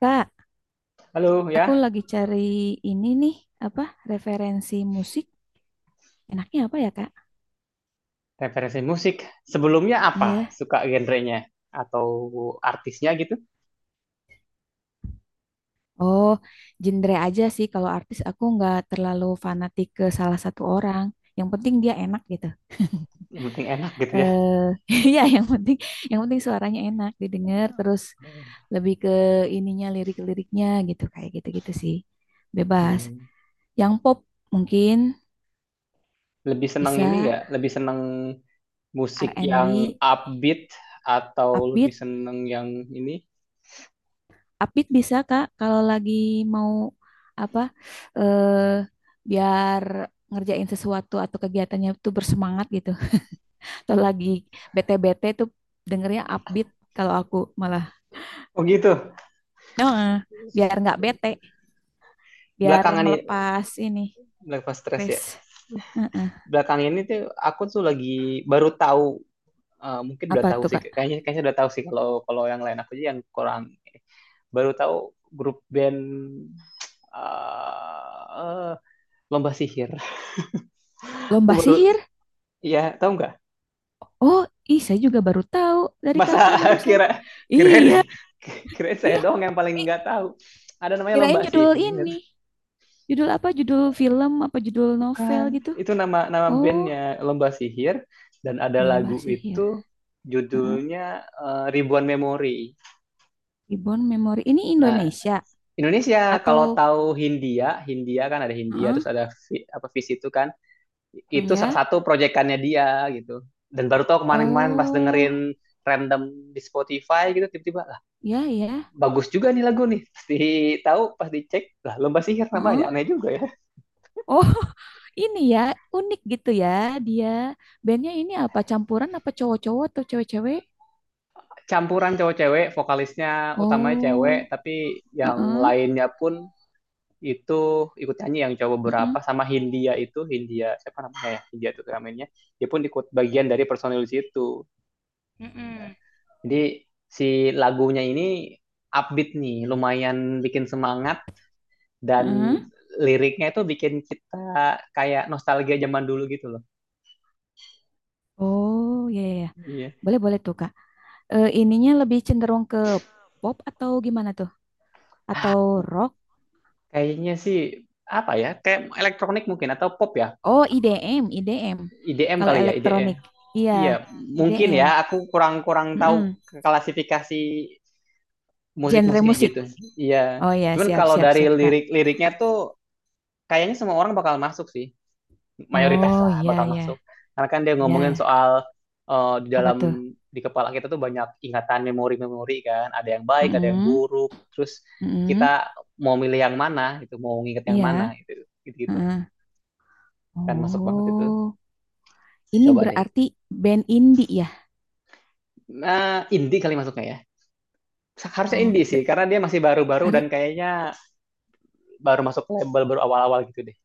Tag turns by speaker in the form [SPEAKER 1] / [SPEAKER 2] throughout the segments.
[SPEAKER 1] Kak,
[SPEAKER 2] Halo
[SPEAKER 1] aku
[SPEAKER 2] ya,
[SPEAKER 1] lagi cari ini nih, apa referensi musik. Enaknya apa ya, Kak?
[SPEAKER 2] referensi musik. Sebelumnya apa?
[SPEAKER 1] Iya.
[SPEAKER 2] Suka genrenya atau artisnya gitu?
[SPEAKER 1] Oh, genre aja sih. Kalau artis aku nggak terlalu fanatik ke salah satu orang. Yang penting dia enak gitu.
[SPEAKER 2] Yang penting enak gitu ya.
[SPEAKER 1] Eh, iya, yang penting suaranya enak didengar terus lebih ke ininya lirik-liriknya gitu kayak gitu-gitu sih. Bebas.
[SPEAKER 2] Hmm.
[SPEAKER 1] Yang pop mungkin
[SPEAKER 2] Lebih senang ini
[SPEAKER 1] bisa
[SPEAKER 2] nggak? Lebih senang musik yang
[SPEAKER 1] R&B,
[SPEAKER 2] upbeat atau lebih
[SPEAKER 1] upbeat.
[SPEAKER 2] senang yang ini?
[SPEAKER 1] Update bisa Kak kalau lagi mau apa eh biar ngerjain sesuatu atau kegiatannya tuh bersemangat gitu. Atau lagi bete-bete tuh dengernya upbeat kalau aku malah.
[SPEAKER 2] Oh gitu.
[SPEAKER 1] Nah, biar nggak bete, biar
[SPEAKER 2] Belakangan ini,
[SPEAKER 1] melepas ini
[SPEAKER 2] belakang pas stres
[SPEAKER 1] stres.
[SPEAKER 2] ya.
[SPEAKER 1] Heeh.
[SPEAKER 2] Belakang ini tuh aku tuh lagi baru tahu, eh, mungkin udah
[SPEAKER 1] Apa
[SPEAKER 2] tahu
[SPEAKER 1] tuh
[SPEAKER 2] sih.
[SPEAKER 1] Kak?
[SPEAKER 2] Kayaknya kayaknya udah tahu sih kalau kalau yang lain aku aja yang kurang baru tahu grup band eh, lomba sihir. Aku
[SPEAKER 1] Lomba
[SPEAKER 2] baru
[SPEAKER 1] sihir?
[SPEAKER 2] ya tahu nggak?
[SPEAKER 1] Oh, ih saya juga baru tahu dari
[SPEAKER 2] Masa
[SPEAKER 1] Kakak barusan.
[SPEAKER 2] kira kira
[SPEAKER 1] Iya,
[SPEAKER 2] kira saya
[SPEAKER 1] iya.
[SPEAKER 2] doang yang paling
[SPEAKER 1] Ih,
[SPEAKER 2] nggak tahu. Ada namanya lomba
[SPEAKER 1] kirain judul
[SPEAKER 2] sihir,
[SPEAKER 1] ini. Judul apa? Judul film apa judul novel
[SPEAKER 2] bukan?
[SPEAKER 1] gitu?
[SPEAKER 2] Itu nama nama
[SPEAKER 1] Oh,
[SPEAKER 2] bandnya lomba sihir dan ada
[SPEAKER 1] lomba
[SPEAKER 2] lagu itu
[SPEAKER 1] sihir. Heeh.
[SPEAKER 2] judulnya eh, Ribuan Memori.
[SPEAKER 1] Reborn Memory. Ini
[SPEAKER 2] Nah,
[SPEAKER 1] Indonesia
[SPEAKER 2] Indonesia kalau
[SPEAKER 1] atau
[SPEAKER 2] tahu Hindia, Hindia kan ada Hindia
[SPEAKER 1] heeh,
[SPEAKER 2] terus ada apa Vis itu kan itu salah
[SPEAKER 1] ya?
[SPEAKER 2] satu proyekannya dia gitu dan baru tau kemarin-kemarin pas dengerin
[SPEAKER 1] Oh,
[SPEAKER 2] random di Spotify gitu tiba-tiba lah
[SPEAKER 1] ya ya.
[SPEAKER 2] bagus juga nih lagu nih pasti tahu pas dicek lah lomba sihir namanya
[SPEAKER 1] Heeh.
[SPEAKER 2] aneh juga ya.
[SPEAKER 1] Oh, ini ya unik gitu ya dia. Bandnya ini apa? Campuran apa cowok-cowok atau cewek-cewek?
[SPEAKER 2] Campuran cowok cewek vokalisnya utamanya cewek
[SPEAKER 1] Oh,
[SPEAKER 2] tapi yang
[SPEAKER 1] heeh.
[SPEAKER 2] lainnya pun itu ikut nyanyi yang cowok
[SPEAKER 1] Heeh,
[SPEAKER 2] berapa sama Hindia itu Hindia siapa namanya ya Hindia itu namanya dia pun ikut bagian dari personil situ. Nah,
[SPEAKER 1] mm-mm.
[SPEAKER 2] jadi si lagunya ini upbeat nih lumayan bikin semangat dan
[SPEAKER 1] Heeh.
[SPEAKER 2] liriknya itu bikin kita kayak nostalgia zaman dulu gitu loh.
[SPEAKER 1] Oh, ya ya. Ya.
[SPEAKER 2] Iya.
[SPEAKER 1] Boleh boleh tuh, Kak. Eh, ininya lebih cenderung ke pop atau gimana tuh?
[SPEAKER 2] Ah,
[SPEAKER 1] Atau rock?
[SPEAKER 2] kayaknya sih apa ya? Kayak elektronik mungkin atau pop ya?
[SPEAKER 1] Oh, IDM, IDM.
[SPEAKER 2] IDM
[SPEAKER 1] Kalau
[SPEAKER 2] kali ya, IDM.
[SPEAKER 1] elektronik. Iya,
[SPEAKER 2] Iya, mungkin
[SPEAKER 1] IDM.
[SPEAKER 2] ya. Aku kurang-kurang tahu
[SPEAKER 1] Mm-mm.
[SPEAKER 2] klasifikasi musik
[SPEAKER 1] Genre
[SPEAKER 2] musiknya
[SPEAKER 1] musik.
[SPEAKER 2] gitu. Iya.
[SPEAKER 1] Oh ya,
[SPEAKER 2] Cuman
[SPEAKER 1] siap,
[SPEAKER 2] kalau
[SPEAKER 1] siap,
[SPEAKER 2] dari
[SPEAKER 1] siap, Kak.
[SPEAKER 2] lirik-liriknya tuh kayaknya semua orang bakal masuk sih, mayoritas
[SPEAKER 1] Oh
[SPEAKER 2] lah bakal
[SPEAKER 1] ya,
[SPEAKER 2] masuk.
[SPEAKER 1] ya,
[SPEAKER 2] Karena kan dia ngomongin
[SPEAKER 1] ya.
[SPEAKER 2] soal eh, di
[SPEAKER 1] Apa
[SPEAKER 2] dalam
[SPEAKER 1] tuh?
[SPEAKER 2] di kepala kita tuh banyak ingatan memori-memori kan, ada yang baik, ada yang
[SPEAKER 1] Mm-mm.
[SPEAKER 2] buruk. Terus kita
[SPEAKER 1] Mm-mm.
[SPEAKER 2] mau milih yang mana gitu, mau nginget yang mana
[SPEAKER 1] Iya.
[SPEAKER 2] gitu, gitu gitulah.
[SPEAKER 1] mm
[SPEAKER 2] Kan masuk banget itu.
[SPEAKER 1] Oh, ini
[SPEAKER 2] Coba deh.
[SPEAKER 1] berarti band indie ya?
[SPEAKER 2] Nah, indie kali masuknya ya. Harusnya
[SPEAKER 1] Oh,
[SPEAKER 2] indie sih,
[SPEAKER 1] da-
[SPEAKER 2] karena dia masih baru-baru dan
[SPEAKER 1] harus.
[SPEAKER 2] kayaknya baru masuk label baru awal-awal gitu deh.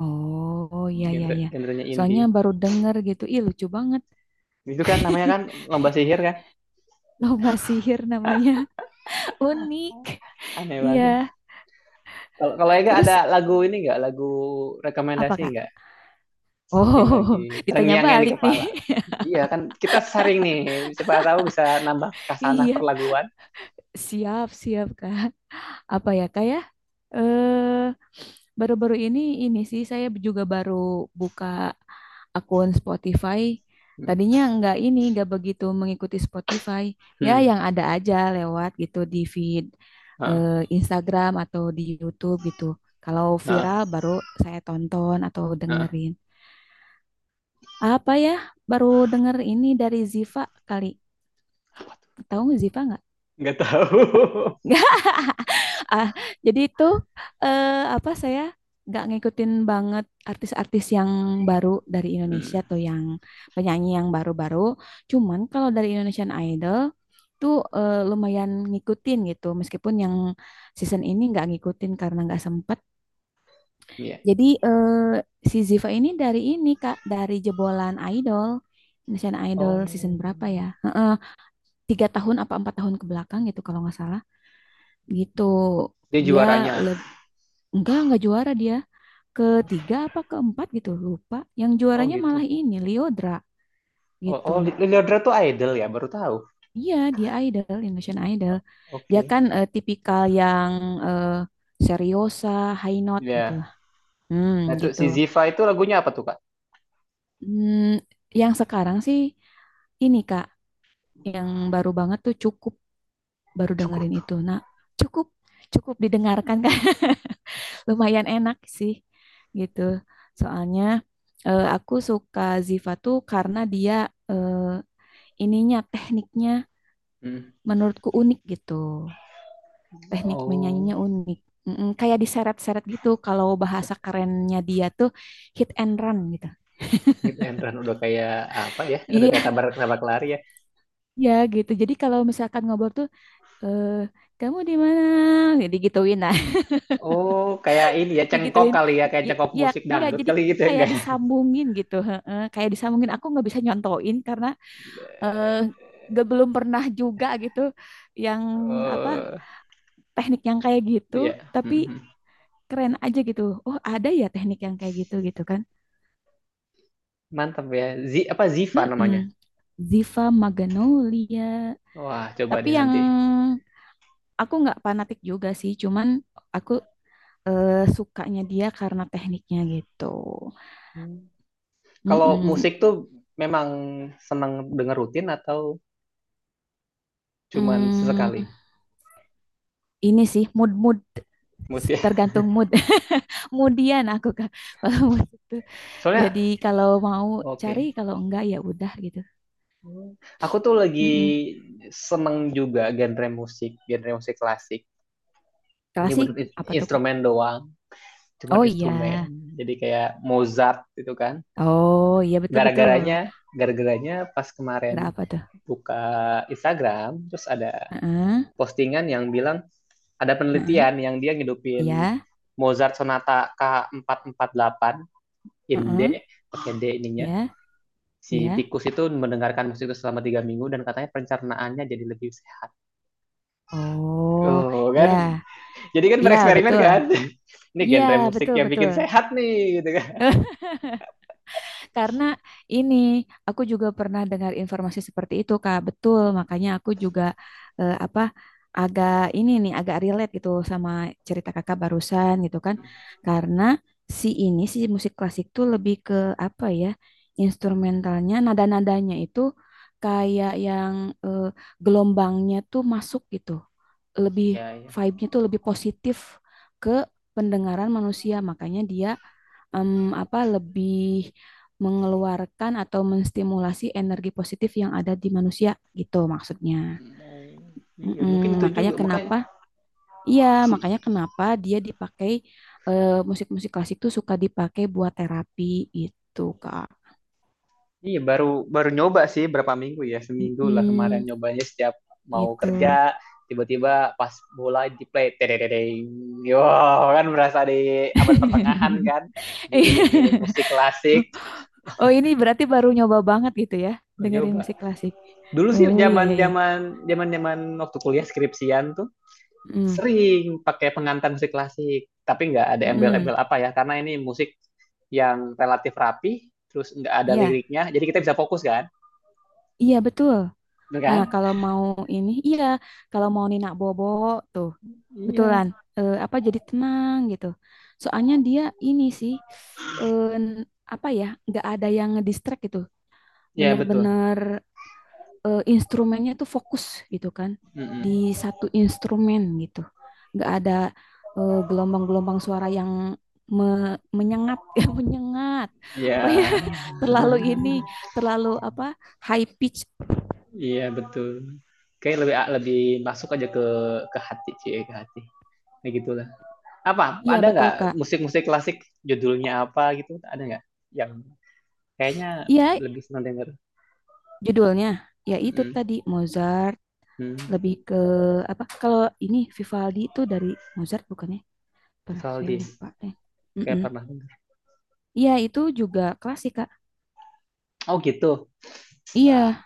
[SPEAKER 1] Oh, ya, ya,
[SPEAKER 2] Genre
[SPEAKER 1] ya.
[SPEAKER 2] genrenya
[SPEAKER 1] Soalnya
[SPEAKER 2] indie.
[SPEAKER 1] baru denger gitu. Ih, lucu banget.
[SPEAKER 2] Itu kan namanya kan lomba sihir kan.
[SPEAKER 1] Lomba sihir namanya. Unik.
[SPEAKER 2] Aneh
[SPEAKER 1] Iya.
[SPEAKER 2] banget. Kalau kalau Ega ada
[SPEAKER 1] Terus
[SPEAKER 2] lagu ini nggak, lagu
[SPEAKER 1] apa,
[SPEAKER 2] rekomendasi
[SPEAKER 1] Kak?
[SPEAKER 2] nggak yang
[SPEAKER 1] Oh,
[SPEAKER 2] lagi
[SPEAKER 1] ditanya
[SPEAKER 2] terngiang yang di
[SPEAKER 1] balik nih.
[SPEAKER 2] kepala? Iya kan kita sharing nih, siapa tahu bisa nambah kasanah
[SPEAKER 1] Iya,
[SPEAKER 2] perlaguan.
[SPEAKER 1] siap, siap, Kak. Apa ya, Kak ya? Eh, baru-baru ini sih saya juga baru buka akun Spotify.
[SPEAKER 2] Hmm,
[SPEAKER 1] Tadinya nggak ini, nggak begitu mengikuti Spotify. Ya,
[SPEAKER 2] hmm.
[SPEAKER 1] yang ada aja lewat gitu di feed
[SPEAKER 2] Heeh.
[SPEAKER 1] eh, Instagram atau di YouTube gitu. Kalau viral
[SPEAKER 2] Heeh.
[SPEAKER 1] baru saya tonton atau
[SPEAKER 2] Heeh.
[SPEAKER 1] dengerin. Apa ya? Baru denger ini dari Ziva kali. Tahu nggak Ziva nggak?
[SPEAKER 2] Nggak tahu.
[SPEAKER 1] Ah, jadi itu eh, apa saya nggak ngikutin banget artis-artis yang baru dari
[SPEAKER 2] Hmm,
[SPEAKER 1] Indonesia tuh yang penyanyi yang baru-baru. Cuman kalau dari Indonesian Idol tuh lumayan ngikutin gitu. Meskipun yang season ini nggak ngikutin karena nggak sempet.
[SPEAKER 2] iya.
[SPEAKER 1] Jadi si Ziva ini dari ini Kak, dari jebolan Idol. Indonesian Idol season
[SPEAKER 2] Oh,
[SPEAKER 1] berapa ya? Heeh, tiga tahun apa empat tahun ke belakang gitu kalau nggak salah. Gitu
[SPEAKER 2] dia
[SPEAKER 1] dia
[SPEAKER 2] juaranya.
[SPEAKER 1] le- enggak juara dia. Ketiga apa keempat gitu, lupa. Yang
[SPEAKER 2] Oh
[SPEAKER 1] juaranya
[SPEAKER 2] gitu.
[SPEAKER 1] malah ini, Liodra
[SPEAKER 2] Oh,
[SPEAKER 1] gitu.
[SPEAKER 2] oh Leodra tuh idol ya, baru tahu.
[SPEAKER 1] Iya, dia idol, Indonesian Idol. Dia
[SPEAKER 2] Oke.
[SPEAKER 1] kan tipikal yang eh, seriosa, high note gitu
[SPEAKER 2] Iya.
[SPEAKER 1] lah. Hmm,
[SPEAKER 2] Nah tuh
[SPEAKER 1] gitu.
[SPEAKER 2] si Ziva itu lagunya apa tuh Kak?
[SPEAKER 1] Hmm, yang sekarang sih ini Kak, yang baru banget tuh cukup baru dengerin
[SPEAKER 2] Cukup.
[SPEAKER 1] itu. Nah, cukup cukup didengarkan lumayan enak sih gitu. Soalnya aku suka Ziva tuh karena dia eh, ininya tekniknya
[SPEAKER 2] Hmm.
[SPEAKER 1] menurutku unik gitu. Teknik
[SPEAKER 2] Oh.
[SPEAKER 1] menyanyinya unik. Kayak diseret-seret gitu kalau bahasa kerennya dia tuh hit and run gitu.
[SPEAKER 2] Hit and run udah kayak apa ya? Udah kayak
[SPEAKER 1] Iya,
[SPEAKER 2] tabrak-tabrak lari ya.
[SPEAKER 1] ya gitu. Jadi kalau misalkan ngobrol tuh eh kamu di mana? Digituin gituin nah,
[SPEAKER 2] Oh, kayak ini ya cengkok
[SPEAKER 1] digituin.
[SPEAKER 2] kali ya, kayak cengkok
[SPEAKER 1] Ya
[SPEAKER 2] musik
[SPEAKER 1] enggak
[SPEAKER 2] dangdut
[SPEAKER 1] jadi
[SPEAKER 2] kali gitu ya,
[SPEAKER 1] kayak
[SPEAKER 2] enggak, ya?
[SPEAKER 1] disambungin gitu heeh. Kayak disambungin aku nggak bisa nyontoin karena eh gak belum pernah juga gitu yang apa
[SPEAKER 2] Oh,
[SPEAKER 1] teknik yang kayak gitu
[SPEAKER 2] iya.
[SPEAKER 1] tapi
[SPEAKER 2] Mhm.
[SPEAKER 1] keren aja gitu, oh ada ya teknik yang kayak gitu gitu kan.
[SPEAKER 2] Mantap ya. Z apa Ziva namanya?
[SPEAKER 1] mm Ziva Magnolia,
[SPEAKER 2] Wah, coba deh
[SPEAKER 1] tapi yang
[SPEAKER 2] nanti.
[SPEAKER 1] aku nggak fanatik juga sih cuman aku sukanya dia karena tekniknya gitu.
[SPEAKER 2] Hmm. Kalau
[SPEAKER 1] Mm-mm.
[SPEAKER 2] musik tuh memang senang denger rutin atau cuman sesekali?
[SPEAKER 1] mm ini sih mood mood,
[SPEAKER 2] Mood ya.
[SPEAKER 1] tergantung mood, moodian aku Kak, kalau mood itu.
[SPEAKER 2] Soalnya
[SPEAKER 1] Jadi kalau mau cari,
[SPEAKER 2] oke.
[SPEAKER 1] kalau enggak ya udah gitu.
[SPEAKER 2] Hmm. Aku tuh lagi
[SPEAKER 1] Mm-mm.
[SPEAKER 2] seneng juga genre musik klasik. Ini
[SPEAKER 1] Klasik
[SPEAKER 2] bener
[SPEAKER 1] apa tuh Kak?
[SPEAKER 2] instrumen doang
[SPEAKER 1] Oh
[SPEAKER 2] cuman
[SPEAKER 1] iya,
[SPEAKER 2] instrumen jadi kayak Mozart gitu kan.
[SPEAKER 1] oh iya betul betul.
[SPEAKER 2] Gara-garanya gara-garanya pas
[SPEAKER 1] Gerak
[SPEAKER 2] kemarin
[SPEAKER 1] apa tuh?
[SPEAKER 2] buka Instagram terus ada
[SPEAKER 1] Heeh,
[SPEAKER 2] postingan yang bilang ada
[SPEAKER 1] heeh,
[SPEAKER 2] penelitian yang dia ngidupin
[SPEAKER 1] iya,
[SPEAKER 2] Mozart sonata K448 in D
[SPEAKER 1] heeh,
[SPEAKER 2] pakai D ininya
[SPEAKER 1] iya, iya.
[SPEAKER 2] si tikus itu mendengarkan musik itu selama 3 minggu dan katanya pencernaannya jadi lebih sehat.
[SPEAKER 1] Oh,
[SPEAKER 2] Oh kan,
[SPEAKER 1] ya,
[SPEAKER 2] jadi kan
[SPEAKER 1] iya
[SPEAKER 2] bereksperimen
[SPEAKER 1] betul,
[SPEAKER 2] kan? Ini
[SPEAKER 1] iya
[SPEAKER 2] genre musik
[SPEAKER 1] betul
[SPEAKER 2] yang
[SPEAKER 1] betul.
[SPEAKER 2] bikin sehat nih, gitu kan?
[SPEAKER 1] Karena ini aku juga pernah dengar informasi seperti itu, Kak. Betul, makanya aku juga apa agak ini nih agak relate gitu sama cerita Kakak barusan gitu kan. Karena si ini si musik klasik tuh lebih ke apa ya? Instrumentalnya, nada-nadanya itu kayak yang eh, gelombangnya tuh masuk gitu. Lebih
[SPEAKER 2] Ya, ya.
[SPEAKER 1] vibe-nya tuh lebih positif ke pendengaran manusia, makanya dia em, apa lebih mengeluarkan atau menstimulasi energi positif yang ada di manusia gitu maksudnya.
[SPEAKER 2] Mau iya
[SPEAKER 1] Mm-mm,
[SPEAKER 2] mungkin itu
[SPEAKER 1] makanya
[SPEAKER 2] juga makanya
[SPEAKER 1] kenapa? Iya,
[SPEAKER 2] sih.
[SPEAKER 1] makanya kenapa dia dipakai musik-musik klasik tuh suka dipakai buat terapi gitu, Kak.
[SPEAKER 2] Iya baru baru nyoba sih berapa minggu ya seminggu lah kemarin
[SPEAKER 1] Mm-mm,
[SPEAKER 2] nyobanya setiap mau
[SPEAKER 1] gitu.
[SPEAKER 2] kerja tiba-tiba pas bola di play tedededeng yo kan berasa di abad pertengahan kan diiringi
[SPEAKER 1] Iya.
[SPEAKER 2] musik klasik
[SPEAKER 1] Oh, ini berarti baru nyoba banget gitu ya,
[SPEAKER 2] baru
[SPEAKER 1] dengerin
[SPEAKER 2] nyoba.
[SPEAKER 1] musik klasik.
[SPEAKER 2] Dulu sih
[SPEAKER 1] Oh, iya iya
[SPEAKER 2] zaman
[SPEAKER 1] iya.
[SPEAKER 2] zaman zaman zaman waktu kuliah skripsian tuh sering pakai pengantar musik klasik, tapi nggak ada
[SPEAKER 1] Mm, mm-mm.
[SPEAKER 2] embel-embel apa ya, karena ini musik yang relatif rapi, terus nggak ada
[SPEAKER 1] Iya,
[SPEAKER 2] liriknya, jadi kita bisa fokus kan,
[SPEAKER 1] iya betul.
[SPEAKER 2] bener
[SPEAKER 1] Nah,
[SPEAKER 2] kan?
[SPEAKER 1] kalau mau ini, iya, kalau mau Nina Bobo tuh, betulan,
[SPEAKER 2] Iya,
[SPEAKER 1] apa jadi tenang gitu. Soalnya dia ini sih, eh, apa ya, nggak ada yang ngedistract gitu.
[SPEAKER 2] iya betul.
[SPEAKER 1] Bener-bener instrumennya tuh fokus gitu kan, di
[SPEAKER 2] Mm-mm.
[SPEAKER 1] satu instrumen gitu. Nggak ada gelombang-gelombang suara yang menyengat, ya menyengat,
[SPEAKER 2] Iya,
[SPEAKER 1] apa ya, terlalu ini, terlalu apa, high pitch.
[SPEAKER 2] iya betul. Kayak lebih masuk aja ke hati, cie ke hati, kayak gitulah. Apa
[SPEAKER 1] Iya
[SPEAKER 2] ada
[SPEAKER 1] betul
[SPEAKER 2] nggak
[SPEAKER 1] Kak.
[SPEAKER 2] musik-musik klasik judulnya apa gitu? Ada nggak yang kayaknya
[SPEAKER 1] Iya,
[SPEAKER 2] lebih senang denger?
[SPEAKER 1] judulnya ya itu
[SPEAKER 2] Mm-mm.
[SPEAKER 1] tadi Mozart,
[SPEAKER 2] Hmm.
[SPEAKER 1] lebih ke apa? Kalau ini Vivaldi itu dari Mozart bukannya? Per saya
[SPEAKER 2] Vivaldi,
[SPEAKER 1] lupa deh.
[SPEAKER 2] kayak
[SPEAKER 1] Mm-mm.
[SPEAKER 2] pernah.
[SPEAKER 1] Iya itu juga klasik Kak.
[SPEAKER 2] Oh gitu. Wah,
[SPEAKER 1] Iya.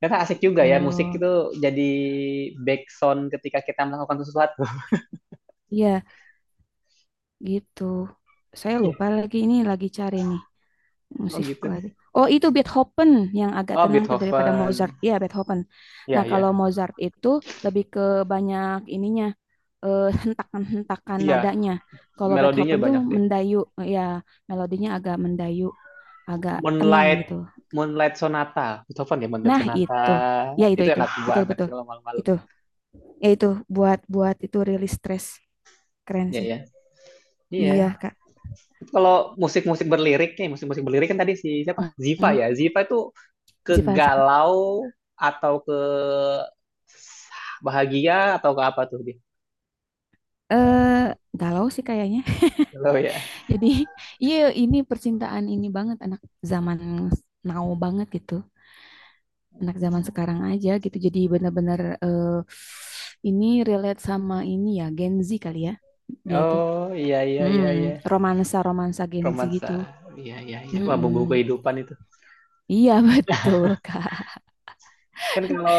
[SPEAKER 2] ternyata asik juga ya musik
[SPEAKER 1] Oh,
[SPEAKER 2] itu jadi background ketika kita melakukan sesuatu.
[SPEAKER 1] iya, gitu. Saya
[SPEAKER 2] Iya.
[SPEAKER 1] lupa lagi ini lagi cari nih
[SPEAKER 2] Oh
[SPEAKER 1] musik
[SPEAKER 2] gitu.
[SPEAKER 1] lagi. Oh, itu Beethoven yang agak
[SPEAKER 2] Oh
[SPEAKER 1] tenang tuh daripada Mozart.
[SPEAKER 2] Beethoven.
[SPEAKER 1] Iya, Beethoven.
[SPEAKER 2] Iya
[SPEAKER 1] Nah, kalau
[SPEAKER 2] iya.
[SPEAKER 1] Mozart itu lebih ke banyak ininya hentakan-hentakan
[SPEAKER 2] Iya.
[SPEAKER 1] nadanya. Kalau
[SPEAKER 2] Melodinya
[SPEAKER 1] Beethoven tuh
[SPEAKER 2] banyak deh.
[SPEAKER 1] mendayu, ya melodinya agak mendayu, agak tenang
[SPEAKER 2] Moonlight
[SPEAKER 1] gitu.
[SPEAKER 2] Moonlight Sonata. Beethoven ya Moonlight
[SPEAKER 1] Nah,
[SPEAKER 2] Sonata.
[SPEAKER 1] itu. Ya, itu
[SPEAKER 2] Itu
[SPEAKER 1] itu.
[SPEAKER 2] enak
[SPEAKER 1] Betul,
[SPEAKER 2] banget
[SPEAKER 1] betul.
[SPEAKER 2] kalau malam-malam.
[SPEAKER 1] Itu. Ya itu buat buat itu rilis stres. Keren
[SPEAKER 2] Iya
[SPEAKER 1] sih.
[SPEAKER 2] ya. Iya.
[SPEAKER 1] Iya, Kak.
[SPEAKER 2] Kalau musik-musik berlirik nih, musik-musik berlirik kan tadi si siapa? Ziva
[SPEAKER 1] Mm-mm.
[SPEAKER 2] ya. Ziva itu ke
[SPEAKER 1] Ziva, Ziva.
[SPEAKER 2] galau atau ke bahagia atau ke apa tuh dia?
[SPEAKER 1] Eh, galau sih kayaknya.
[SPEAKER 2] Galau ya.
[SPEAKER 1] Jadi, iya, ini percintaan ini banget anak zaman now banget gitu. Anak zaman sekarang aja gitu. Jadi benar-benar ini relate sama ini ya Gen Z kali ya. Dia itu.
[SPEAKER 2] Oh iya iya iya iya.
[SPEAKER 1] Hmm, romansa-romansa Gen Z
[SPEAKER 2] Romansa.
[SPEAKER 1] gitu.
[SPEAKER 2] Iya iya iya. Wah, bumbu
[SPEAKER 1] Mm-mm.
[SPEAKER 2] kehidupan itu.
[SPEAKER 1] Iya betul, Kak.
[SPEAKER 2] Kan kalau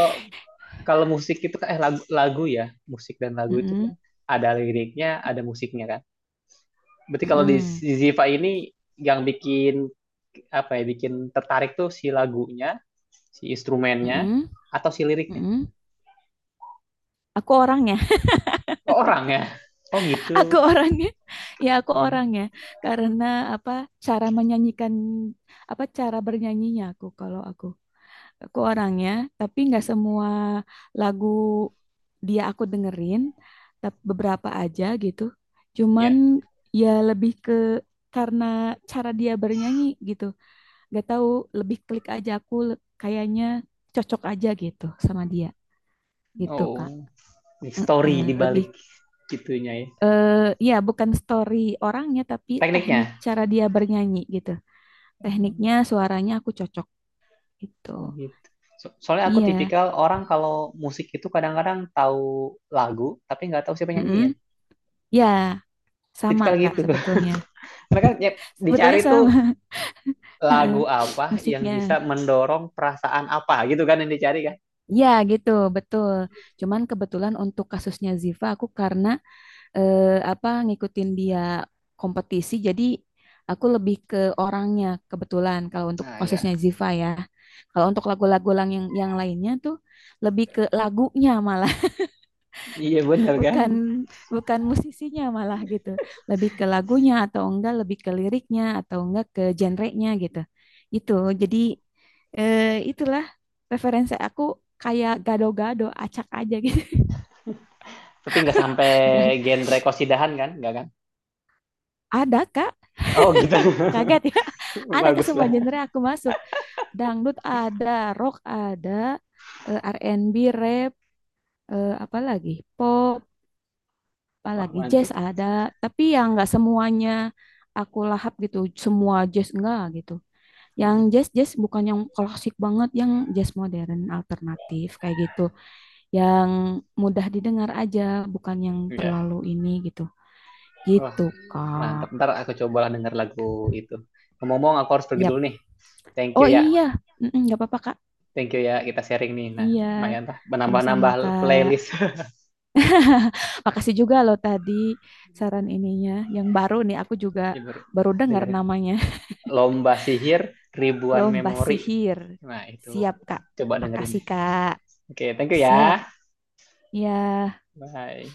[SPEAKER 2] kalau musik itu kan eh lagu, lagu ya, musik dan lagu itu kan
[SPEAKER 1] Mm-mm.
[SPEAKER 2] ada liriknya, ada musiknya kan. Berarti kalau di
[SPEAKER 1] Mm-mm.
[SPEAKER 2] si Ziva ini yang bikin apa ya, bikin tertarik tuh si lagunya, si instrumennya
[SPEAKER 1] Mm-mm.
[SPEAKER 2] atau si liriknya?
[SPEAKER 1] Mm-mm. Aku orangnya
[SPEAKER 2] Oh, orang ya. Oh gitu.
[SPEAKER 1] aku orangnya ya aku
[SPEAKER 2] Iya.
[SPEAKER 1] orangnya karena apa cara menyanyikan apa cara bernyanyinya aku kalau aku orangnya tapi nggak semua lagu dia aku dengerin tapi beberapa aja gitu cuman
[SPEAKER 2] Ya.
[SPEAKER 1] ya lebih ke karena cara dia bernyanyi gitu, nggak tahu lebih klik aja aku kayaknya cocok aja gitu sama dia gitu Kak.
[SPEAKER 2] Oh, story di
[SPEAKER 1] Mm-mm, lebih
[SPEAKER 2] balik gitunya ya.
[SPEAKER 1] eh ya, bukan story orangnya, tapi teknik
[SPEAKER 2] Tekniknya.
[SPEAKER 1] cara dia bernyanyi gitu. Tekniknya, suaranya aku cocok gitu.
[SPEAKER 2] Oh gitu. Soalnya aku
[SPEAKER 1] Iya,
[SPEAKER 2] tipikal orang kalau musik itu kadang-kadang tahu lagu tapi nggak tahu siapa
[SPEAKER 1] mm
[SPEAKER 2] nyanyiin.
[SPEAKER 1] ya, sama
[SPEAKER 2] Tipikal
[SPEAKER 1] Kak
[SPEAKER 2] gitu.
[SPEAKER 1] sebetulnya.
[SPEAKER 2] Karena kan ya, dicari
[SPEAKER 1] Sebetulnya
[SPEAKER 2] tuh
[SPEAKER 1] sama heeh,
[SPEAKER 2] lagu apa yang
[SPEAKER 1] musiknya.
[SPEAKER 2] bisa mendorong perasaan apa gitu kan yang dicari kan.
[SPEAKER 1] Ya gitu, betul. Cuman kebetulan untuk kasusnya Ziva, aku karena eh, apa ngikutin dia kompetisi jadi aku lebih ke orangnya, kebetulan kalau untuk
[SPEAKER 2] Nah, ya.
[SPEAKER 1] khususnya Ziva ya. Kalau untuk lagu-lagu yang lainnya tuh lebih ke lagunya malah,
[SPEAKER 2] Iya bener kan.
[SPEAKER 1] bukan bukan musisinya malah gitu, lebih ke lagunya atau enggak lebih ke liriknya atau enggak ke genrenya gitu. Itu jadi eh, itulah referensi aku, kayak gado-gado acak aja gitu.
[SPEAKER 2] Tapi nggak sampai
[SPEAKER 1] Gak-
[SPEAKER 2] genre kosidahan kan, nggak kan?
[SPEAKER 1] ada kak,
[SPEAKER 2] Oh gitu.
[SPEAKER 1] kaget ya, ada, ke
[SPEAKER 2] Bagus
[SPEAKER 1] semua
[SPEAKER 2] lah.
[SPEAKER 1] genre aku masuk. Dangdut ada, rock ada, eh, R&B, rap, eh, apa lagi pop, apa
[SPEAKER 2] Wah
[SPEAKER 1] lagi jazz
[SPEAKER 2] mantep.
[SPEAKER 1] ada. Tapi yang nggak semuanya aku lahap gitu, semua jazz enggak gitu. Yang
[SPEAKER 2] Hmm,
[SPEAKER 1] jazz jazz bukan yang klasik banget, yang jazz modern alternatif kayak gitu, yang mudah didengar aja, bukan yang
[SPEAKER 2] iya.
[SPEAKER 1] terlalu ini gitu.
[SPEAKER 2] Wah
[SPEAKER 1] Gitu,
[SPEAKER 2] mantep.
[SPEAKER 1] Kak.
[SPEAKER 2] Ntar aku cobalah denger lagu itu. Ngomong-ngomong aku harus pergi dulu
[SPEAKER 1] Yap.
[SPEAKER 2] nih. Thank you
[SPEAKER 1] Oh
[SPEAKER 2] ya.
[SPEAKER 1] iya, mm-mm, nggak apa-apa, Kak.
[SPEAKER 2] Thank you ya, kita sharing nih. Nah,
[SPEAKER 1] Iya,
[SPEAKER 2] lumayan lah
[SPEAKER 1] sama-sama,
[SPEAKER 2] menambah-nambah playlist
[SPEAKER 1] Kak. Makasih juga lo tadi saran ininya. Yang baru nih aku juga baru dengar
[SPEAKER 2] dengerin
[SPEAKER 1] namanya.
[SPEAKER 2] lomba sihir ribuan
[SPEAKER 1] Lomba
[SPEAKER 2] memori.
[SPEAKER 1] sihir.
[SPEAKER 2] Nah, itu
[SPEAKER 1] Siap, Kak.
[SPEAKER 2] coba dengerin.
[SPEAKER 1] Makasih, Kak.
[SPEAKER 2] Oke, okay, thank you
[SPEAKER 1] Siap.
[SPEAKER 2] ya.
[SPEAKER 1] Ya,
[SPEAKER 2] Bye.